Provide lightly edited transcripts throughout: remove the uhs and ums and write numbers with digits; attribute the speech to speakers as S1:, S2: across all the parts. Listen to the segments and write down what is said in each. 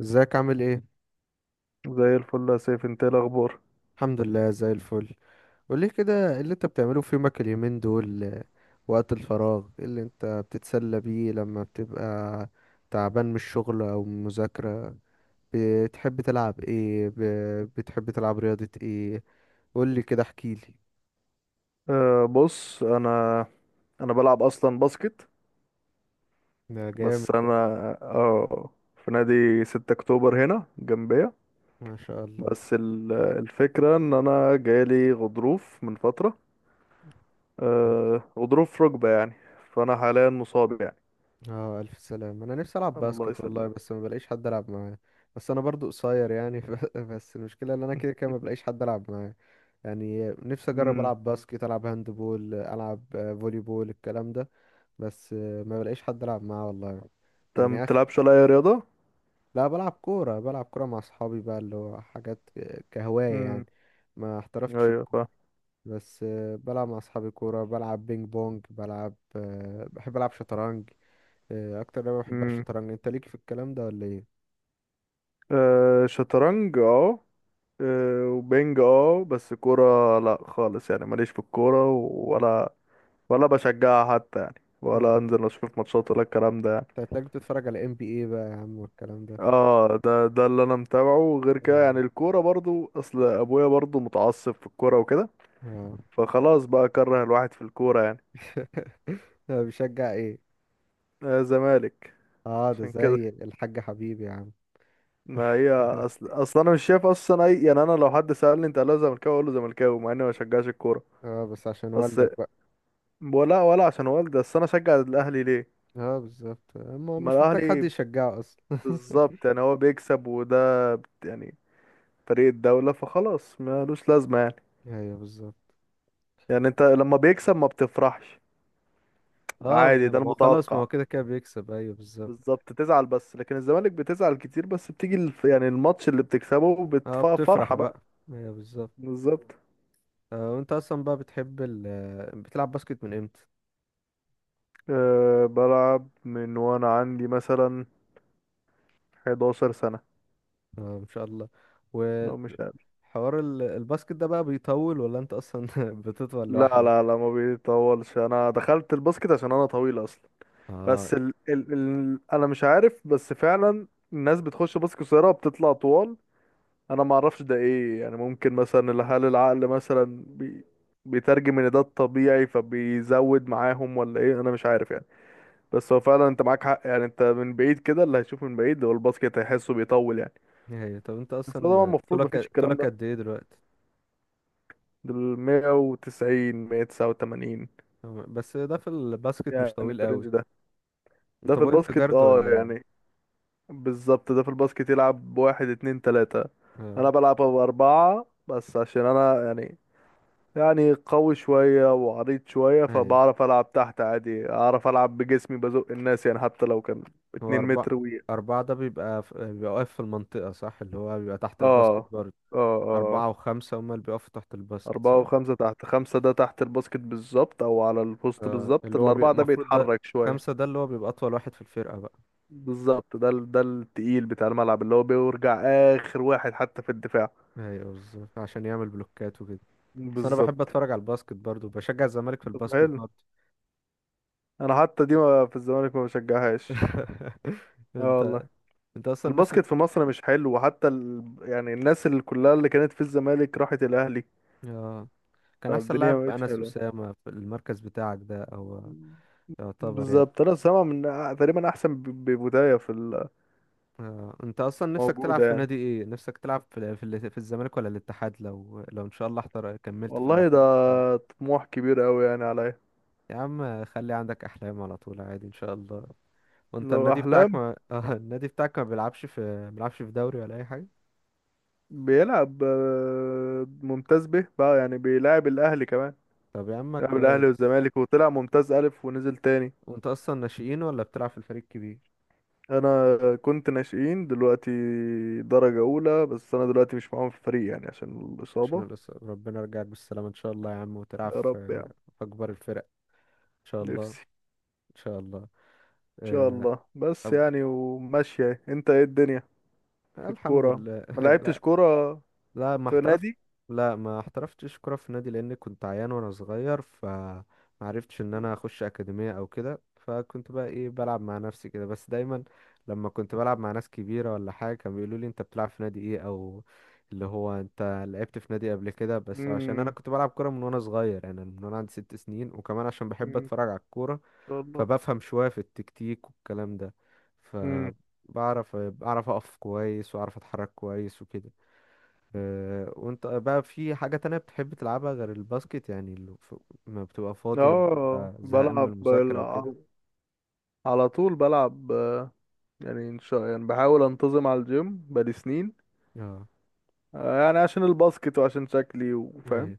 S1: ازيك عامل ايه؟
S2: زي الفل يا سيف، انت ايه الاخبار؟
S1: الحمد لله زي الفل. قولي كده، ايه اللي انت بتعمله في يومك اليومين دول؟ وقت الفراغ ايه اللي انت بتتسلى بيه لما بتبقى تعبان من الشغل او من المذاكرة؟ بتحب تلعب ايه؟ بتحب تلعب رياضة ايه؟ قولي كده، احكيلي.
S2: بص انا بلعب اصلا باسكت.
S1: ده جامد
S2: بس
S1: ده.
S2: انا اه في نادي 6 اكتوبر هنا جنبية.
S1: ما شاء الله.
S2: بس الفكرة ان انا جالي غضروف من فترة. غضروف في ركبة يعني. فانا حاليا مصاب يعني.
S1: اه الف سلام، انا نفسي العب
S2: الله
S1: باسكت والله
S2: يسلم.
S1: بس ما بلاقيش حد العب معاه. بس انا برضو قصير يعني. بس المشكلة ان انا كده كده ما بلاقيش حد العب معاه، يعني نفسي اجرب
S2: امم.
S1: العب باسكت، العب هاند بول، العب فولي بول، الكلام ده. بس ما بلاقيش حد العب معاه والله.
S2: انت ما
S1: يعني اخ.
S2: بتلعبش ولا اي رياضة؟
S1: لا بلعب كوره، بلعب كوره مع اصحابي بقى، اللي هو حاجات كهوايه يعني.
S2: امم.
S1: ما احترفتش
S2: ايوه،
S1: الكورة،
S2: فاهم.
S1: بس بلعب مع اصحابي كوره، بلعب بينج بونج، بلعب بحب العب شطرنج. اكتر لعبه بحبها
S2: امم.
S1: الشطرنج، انت ليك في الكلام ده ولا ايه؟
S2: شطرنج، اه. وبنج، بس كورة لا خالص يعني، ماليش في الكورة ولا بشجعها حتى يعني، ولا
S1: انت
S2: انزل اشوف ماتشات ولا الكلام ده يعني.
S1: هتلاقيك بتتفرج على ام بي اي بقى يا عم والكلام ده.
S2: اه ده اللي انا متابعه غير كده
S1: آه.
S2: يعني، الكورة برضو، اصل ابويا برضو متعصب في الكورة وكده،
S1: آه.
S2: فخلاص بقى كره الواحد في الكورة يعني.
S1: بشجع ايه؟
S2: آه، زمالك.
S1: اه ده
S2: عشان كده،
S1: زي الحاج حبيبي يا عم.
S2: ما هي اصل انا مش شايف اصلا اي يعني، انا لو حد سألني انت اهلاوي ولا زملكاوي اقول له زملكاوي، مع اني ما بشجعش الكورة.
S1: اه بس عشان
S2: بس
S1: والدك بقى.
S2: ولا عشان والدي، بس انا اشجع الاهلي ليه؟
S1: اه بالظبط، ما هو
S2: ما
S1: مش محتاج حد
S2: الاهلي
S1: يشجعه اصلا.
S2: بالظبط يعني، هو بيكسب، يعني فريق الدولة، فخلاص ملوش لازمة يعني.
S1: ايوه بالظبط.
S2: يعني انت لما بيكسب ما بتفرحش،
S1: اه
S2: عادي ده
S1: ما هو خلاص، ما
S2: المتوقع.
S1: هو كده كده بيكسب. ايوه بالظبط.
S2: بالظبط تزعل، بس لكن الزمالك بتزعل كتير، بس بتيجي يعني الماتش اللي بتكسبه
S1: اه بتفرح
S2: بتفرحة بقى.
S1: بقى. ايوه بالظبط.
S2: بالظبط.
S1: آه وانت اصلا بقى بتحب ال آه، بتلعب باسكت من امتى؟
S2: بلعب من وانا عندي مثلا 11 سنة،
S1: اه ان شاء الله. وحوار
S2: لو مش أقل.
S1: الباسكت ده بقى بيطول، ولا انت اصلا بتطول
S2: لا لا
S1: لوحدك؟
S2: لا، ما بيطولش، انا دخلت الباسكت عشان انا طويل اصلا.
S1: اه،
S2: بس انا مش عارف، بس فعلا الناس بتخش بس قصيره بتطلع طوال. انا ما اعرفش ده ايه يعني، ممكن مثلا هل العقل مثلا بيترجم ان ده الطبيعي فبيزود معاهم ولا ايه، انا مش عارف يعني. بس هو فعلا انت معاك حق يعني، انت من بعيد كده اللي هيشوف من بعيد هو الباسكت هيحسه بيطول يعني.
S1: ايوه طب انت
S2: بس طبعا
S1: اصلا
S2: المفروض مفيش
S1: طولك،
S2: الكلام
S1: طولك
S2: ده.
S1: قد ايه دلوقتي؟
S2: دول 190، 189
S1: بس ده في الباسكت مش
S2: يعني،
S1: طويل
S2: في
S1: قوي.
S2: الرينج ده. ده
S1: انت
S2: في
S1: بوينت
S2: الباسكت،
S1: جارد ولا
S2: يعني.
S1: ايه؟
S2: بالظبط، ده في الباسكت يلعب بواحد اتنين تلاتة. انا
S1: اه
S2: بلعب بأربعة بس عشان انا يعني، يعني قوي شوية وعريض شوية،
S1: ايوه.
S2: فبعرف العب تحت عادي، اعرف العب بجسمي بزق الناس يعني، حتى لو كان
S1: هو
S2: اتنين
S1: أربعة،
S2: متر و...
S1: أربعة ده بيبقى بيبقى واقف في المنطقة صح؟ اللي هو بيبقى تحت الباسكت
S2: اه،
S1: برضه.
S2: اه، اه.
S1: أربعة وخمسة هما اللي بيقفوا تحت الباسكت
S2: أربعة
S1: صح؟
S2: وخمسة تحت، خمسة ده تحت الباسكت بالظبط أو على البوست
S1: اه
S2: بالظبط،
S1: اللي هو
S2: الأربعة ده
S1: المفروض ده،
S2: بيتحرك شوية.
S1: خمسة ده اللي هو بيبقى أطول واحد في الفرقة بقى.
S2: بالظبط، ده التقيل بتاع الملعب، اللي هو بيرجع آخر واحد حتى في الدفاع.
S1: ايوه بالظبط، عشان يعمل بلوكات وكده. بس أنا بحب
S2: بالظبط.
S1: أتفرج على الباسكت برضه، بشجع الزمالك في
S2: طب
S1: الباسكت
S2: حلو.
S1: برضه.
S2: انا حتى دي في الزمالك ما بشجعهاش. اه
S1: انت،
S2: والله،
S1: انت اصلا نفسك.
S2: الباسكت في مصر مش حلو، وحتى يعني الناس اللي كلها اللي كانت في الزمالك راحت الاهلي،
S1: اه كان احسن
S2: فالدنيا
S1: لاعب
S2: ما بقتش
S1: انس
S2: حلوه.
S1: اسامه في المركز بتاعك ده، او يعتبر يعني.
S2: بالظبط. انا سامع من تقريبا احسن ببدايه في
S1: انت اصلا نفسك تلعب
S2: الموجوده
S1: في
S2: يعني.
S1: نادي ايه؟ نفسك تلعب في في الزمالك ولا الاتحاد، لو ان شاء الله كملت في
S2: والله ده
S1: الاحتراف السنة.
S2: طموح كبير قوي يعني عليا.
S1: يا عم خلي عندك احلام على طول، عادي ان شاء الله. وانت
S2: لو
S1: النادي
S2: احلام،
S1: بتاعك ما النادي بتاعك ما بيلعبش في، ما بيلعبش في دوري ولا اي حاجة؟
S2: بيلعب ممتاز به بقى يعني، بيلعب الاهلي كمان،
S1: طب يا عم
S2: بيلعب الاهلي
S1: كويس.
S2: والزمالك، وطلع ممتاز الف ونزل تاني.
S1: وانت اصلا ناشئين ولا بتلعب في الفريق الكبير؟
S2: انا كنت ناشئين، دلوقتي درجة اولى، بس انا دلوقتي مش معاهم في الفريق يعني عشان الاصابة.
S1: عشان ربنا يرجعك بالسلامة ان شاء الله يا عم، وتلعب
S2: يا
S1: في
S2: رب يعني.
S1: في اكبر الفرق ان شاء الله.
S2: نفسي.
S1: ان شاء الله.
S2: ان شاء
S1: آه،
S2: الله بس
S1: طب.
S2: يعني، وماشية انت، ايه الدنيا في
S1: الحمد
S2: الكورة؟
S1: لله.
S2: ما لعبتش كورة
S1: لا ما
S2: في
S1: احترفت.
S2: نادي.
S1: لا ما احترفتش كرة في نادي، لان كنت عيان وانا صغير فما عرفتش ان انا اخش اكاديمية او كده، فكنت بقى ايه بلعب مع نفسي كده بس، دايما لما كنت بلعب مع ناس كبيرة ولا حاجة كانوا بيقولوا لي انت بتلعب في نادي ايه، او اللي هو انت لعبت في نادي قبل كده، بس عشان انا
S2: امم.
S1: كنت بلعب كورة من وانا صغير، انا من وانا عندي ست سنين، وكمان عشان بحب
S2: أمم، ان
S1: اتفرج على الكورة،
S2: شاء الله.
S1: فبفهم شوية في التكتيك والكلام ده،
S2: امم.
S1: فبعرف اقف كويس واعرف اتحرك كويس وكده. وانت بقى في حاجة تانية بتحب تلعبها غير الباسكت، يعني اللي ما بتبقى فاضي لما
S2: اه،
S1: بتبقى زهقان من المذاكرة وكده؟
S2: على طول بلعب. آه، يعني ان شاء يعني بحاول انتظم على الجيم بقالي سنين.
S1: اه،
S2: يعني عشان الباسكت وعشان شكلي وفاهم،
S1: ايوه.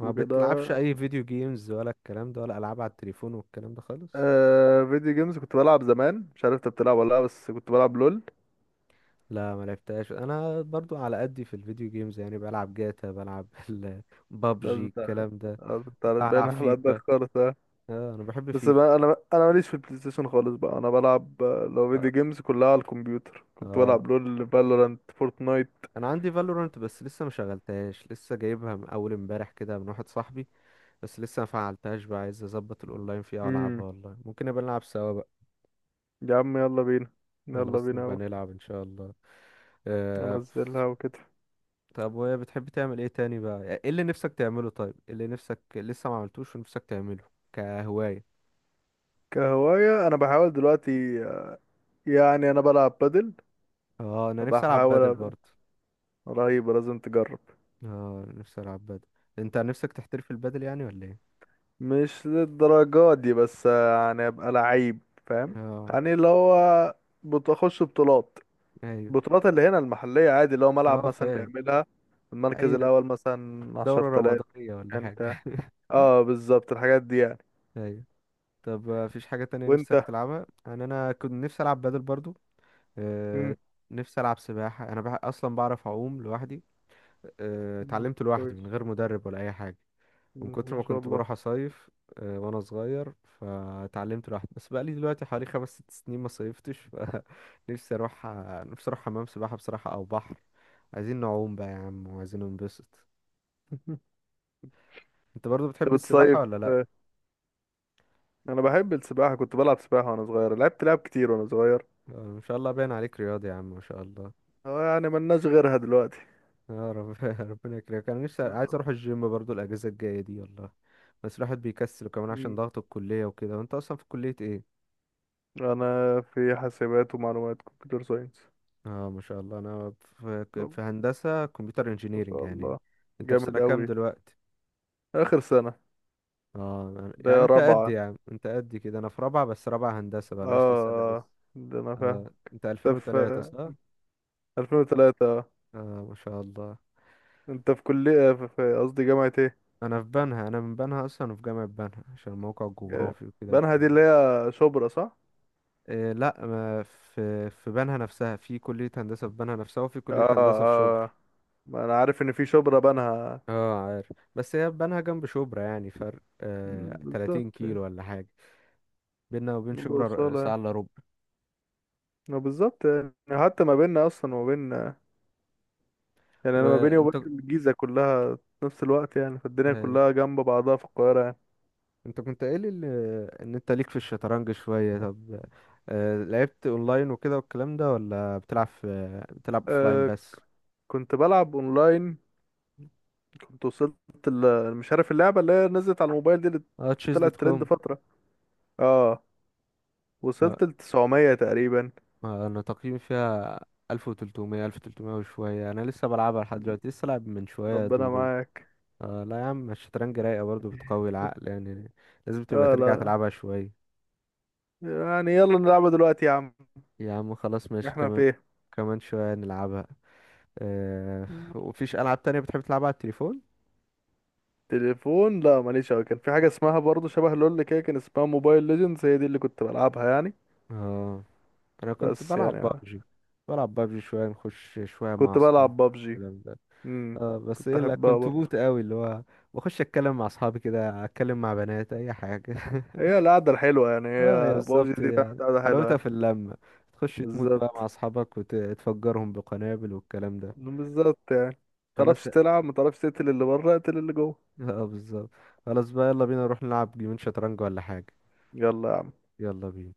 S1: ما
S2: وكده.
S1: بتلعبش اي فيديو جيمز ولا الكلام ده، ولا العاب على التليفون والكلام ده خالص؟
S2: فيديو جيمز كنت بلعب زمان، مش عارف انت بتلعب ولا لا، بس كنت بلعب لول.
S1: لا ما لعبتهاش، انا برضو على قدي في الفيديو جيمز يعني، بلعب جاتا، بلعب
S2: ده
S1: بابجي،
S2: انت،
S1: الكلام ده.
S2: انت باين
S1: بلعب
S2: على قدك
S1: فيفا.
S2: خالص، آه.
S1: اه انا بحب
S2: بس
S1: فيفا.
S2: بقى انا ماليش في البلاي ستيشن خالص بقى، انا بلعب لو
S1: اه,
S2: فيديو جيمز كلها على الكمبيوتر، كنت
S1: آه.
S2: بلعب لول فالورانت فورتنايت.
S1: انا عندي فالورانت بس لسه ما شغلتهاش، لسه جايبها من اول امبارح كده من واحد صاحبي، بس لسه ما فعلتهاش بقى، عايز اظبط الاونلاين فيها
S2: امم.
S1: والعبها، والله ممكن نبقى نلعب سوا بقى.
S2: يا عم يلا بينا، يلا
S1: خلاص
S2: بينا
S1: نبقى
S2: أوي.
S1: نلعب ان شاء الله. آه...
S2: انزلها وكده.
S1: طب وهي بتحب تعمل ايه تاني بقى؟ يعني ايه اللي نفسك تعمله؟ طيب إيه اللي نفسك لسه ما عملتوش ونفسك تعمله كهواية؟
S2: كهواية، انا بحاول دلوقتي يعني انا بلعب بادل،
S1: اه انا نفسي العب
S2: بحاول
S1: بادل
S2: ابقى
S1: برضه.
S2: رهيب، لازم تجرب.
S1: اه نفسي العب بادل. انت نفسك تحترف البادل يعني ولا ايه؟
S2: مش للدرجة دي بس يعني ابقى لعيب، فاهم؟
S1: اه.
S2: يعني اللي هو بتخش بطولات،
S1: ايوه.
S2: بطولات اللي هنا المحلية عادي، اللي هو
S1: اه
S2: ملعب مثلا
S1: فاهم.
S2: بيعملها المركز
S1: ايوه
S2: الأول مثلا عشر
S1: دورة
S2: تلاف
S1: رمضانية ولا
S2: كان بتاع،
S1: حاجة.
S2: اه، بالظبط الحاجات دي يعني.
S1: ايوه. طب مفيش حاجة تانية
S2: وانت.
S1: نفسك تلعبها؟ انا كنت نفسي العب بادل برضو.
S2: مم.
S1: آه، نفسي ألعب سباحة. أصلا بعرف أعوم لوحدي،
S2: مم،
S1: اتعلمت لوحدي من
S2: كويس.
S1: غير مدرب ولا أي حاجة، من
S2: مم،
S1: كتر
S2: ما
S1: ما
S2: شاء
S1: كنت
S2: الله.
S1: بروح أصيف وأنا صغير، فاتعلمت لوحدي، بس بقالي دلوقتي حوالي خمس ست سنين ما صيفتش. فنفسي أروح، نفسي أروح حمام سباحة بصراحة أو بحر، عايزين نعوم بقى يا عم وعايزين ننبسط. أنت برضو بتحب
S2: انت
S1: السباحة
S2: بتصيف؟
S1: ولا لأ؟
S2: آه، انا بحب السباحة، كنت بلعب سباحة وانا صغير، لعبت لعب كتير وانا صغير.
S1: ما شاء الله باين عليك رياضي يا عم، ما شاء الله.
S2: اه يعني، ملناش غيرها دلوقتي.
S1: يا رب. ربنا يكرمك. أنا نفسي عايز أروح الجيم برضو الأجازة الجاية دي والله، بس الواحد بيكسل كمان عشان
S2: مم.
S1: ضغط الكلية وكده. وانت اصلا في كلية ايه؟
S2: انا في حاسبات ومعلومات، كمبيوتر ساينس.
S1: اه ما شاء الله. انا في, في هندسة كمبيوتر،
S2: ما
S1: انجينيرينج
S2: شاء
S1: يعني.
S2: الله،
S1: انت في سنة
S2: جامد
S1: كام
S2: أوي.
S1: دلوقتي؟
S2: آخر سنة.
S1: اه يعني
S2: ده
S1: انت قد،
S2: رابعة.
S1: يعني انت قد كده، انا في رابعة، بس رابعة هندسة بقى،
S2: آه،
S1: ناقص لي سنة
S2: آه،
S1: لسه.
S2: آه. ده أنا فاهم.
S1: آه انت
S2: أنت في
S1: 2003 صح؟
S2: 2003، آه.
S1: اه ما شاء الله.
S2: أنت في كلية في قصدي جامعة إيه؟
S1: انا في بنها، انا من بنها اصلا، في جامعة بنها عشان الموقع
S2: جا-
S1: الجغرافي وكده
S2: بنها دي
S1: والكلام
S2: اللي
S1: ده.
S2: هي شبرا، صح؟
S1: آه لا، ما في في بنها نفسها، في كلية هندسة في بنها نفسها، وفي كلية
S2: آه،
S1: هندسة في شبرا.
S2: آه، ما أنا عارف إن في شبرا بنها.
S1: اه عارف، بس هي بنها جنب شبرا يعني، فرق
S2: مم،
S1: آه
S2: بالظبط
S1: 30
S2: يعني.
S1: كيلو ولا حاجة، بيننا وبين
S2: برضه
S1: شبرا
S2: وصالة
S1: ساعة
S2: يعني.
S1: الا ربع.
S2: ما بالظبط يعني، حتى ما بيننا أصلا وما بين، يعني أنا ما بيني
S1: وانت،
S2: وبين الجيزة كلها في نفس الوقت يعني، فالدنيا
S1: آه،
S2: كلها جنب بعضها في القاهرة يعني.
S1: انت كنت قايل ان انت ليك في الشطرنج شوية. طب آه لعبت اونلاين وكده والكلام ده، ولا بتلعب في بتلعب اوفلاين
S2: آه
S1: بس؟
S2: كنت بلعب أونلاين، كنت وصلت مش عارف اللعبة اللي هي نزلت على الموبايل دي اللي
S1: اه تشيز دوت
S2: طلعت
S1: كوم.
S2: ترند فترة. اه،
S1: آه،
S2: وصلت ل 900 تقريبا.
S1: انا تقييمي فيها 1300، وشوية، انا لسه بلعبها لحد دلوقتي، لسه لعب من شوية
S2: ربنا
S1: دور.
S2: معاك.
S1: آه لا يا عم، الشطرنج رايقة برضه، بتقوي العقل يعني، لازم تبقى
S2: اه
S1: ترجع
S2: لا
S1: تلعبها شوية.
S2: يعني، يلا نلعبها دلوقتي يا عم،
S1: يا عم خلاص ماشي،
S2: احنا في
S1: كمان،
S2: ايه.
S1: كمان شوية نلعبها. آه وفيش ألعاب تانية بتحب تلعبها على التليفون؟
S2: تليفون لا، ماليش اوي، كان في حاجة اسمها برضه شبه لول كده، كان اسمها موبايل ليجندز، هي دي اللي كنت بلعبها يعني.
S1: اه أنا كنت
S2: بس
S1: بلعب
S2: يعني
S1: بابجي، بلعب بابجي شوية نخش شوية مع
S2: كنت
S1: أصحابي،
S2: بلعب بابجي.
S1: الكلام ده.
S2: امم.
S1: اه بس
S2: كنت
S1: ايه، لا
S2: احبها
S1: كنت
S2: برضه،
S1: بوت قوي، اللي هو بخش اتكلم مع اصحابي كده، اتكلم مع بنات، اي حاجه.
S2: هي القعدة الحلوة يعني، هي
S1: اه يا
S2: بابجي
S1: بالظبط
S2: دي بتاعت
S1: يعني،
S2: قعدة حلوة
S1: حلاوتها
S2: يعني.
S1: في اللمه، تخش تموت بقى مع
S2: بالظبط.
S1: اصحابك وتفجرهم بقنابل والكلام ده.
S2: بالظبط يعني،
S1: خلاص.
S2: متعرفش تلعب متعرفش تقتل اللي بره اقتل اللي جوه.
S1: اه بالظبط. خلاص بقى، يلا بينا نروح نلعب جيمين شطرنج ولا حاجة.
S2: يلا يا عم.
S1: يلا بينا.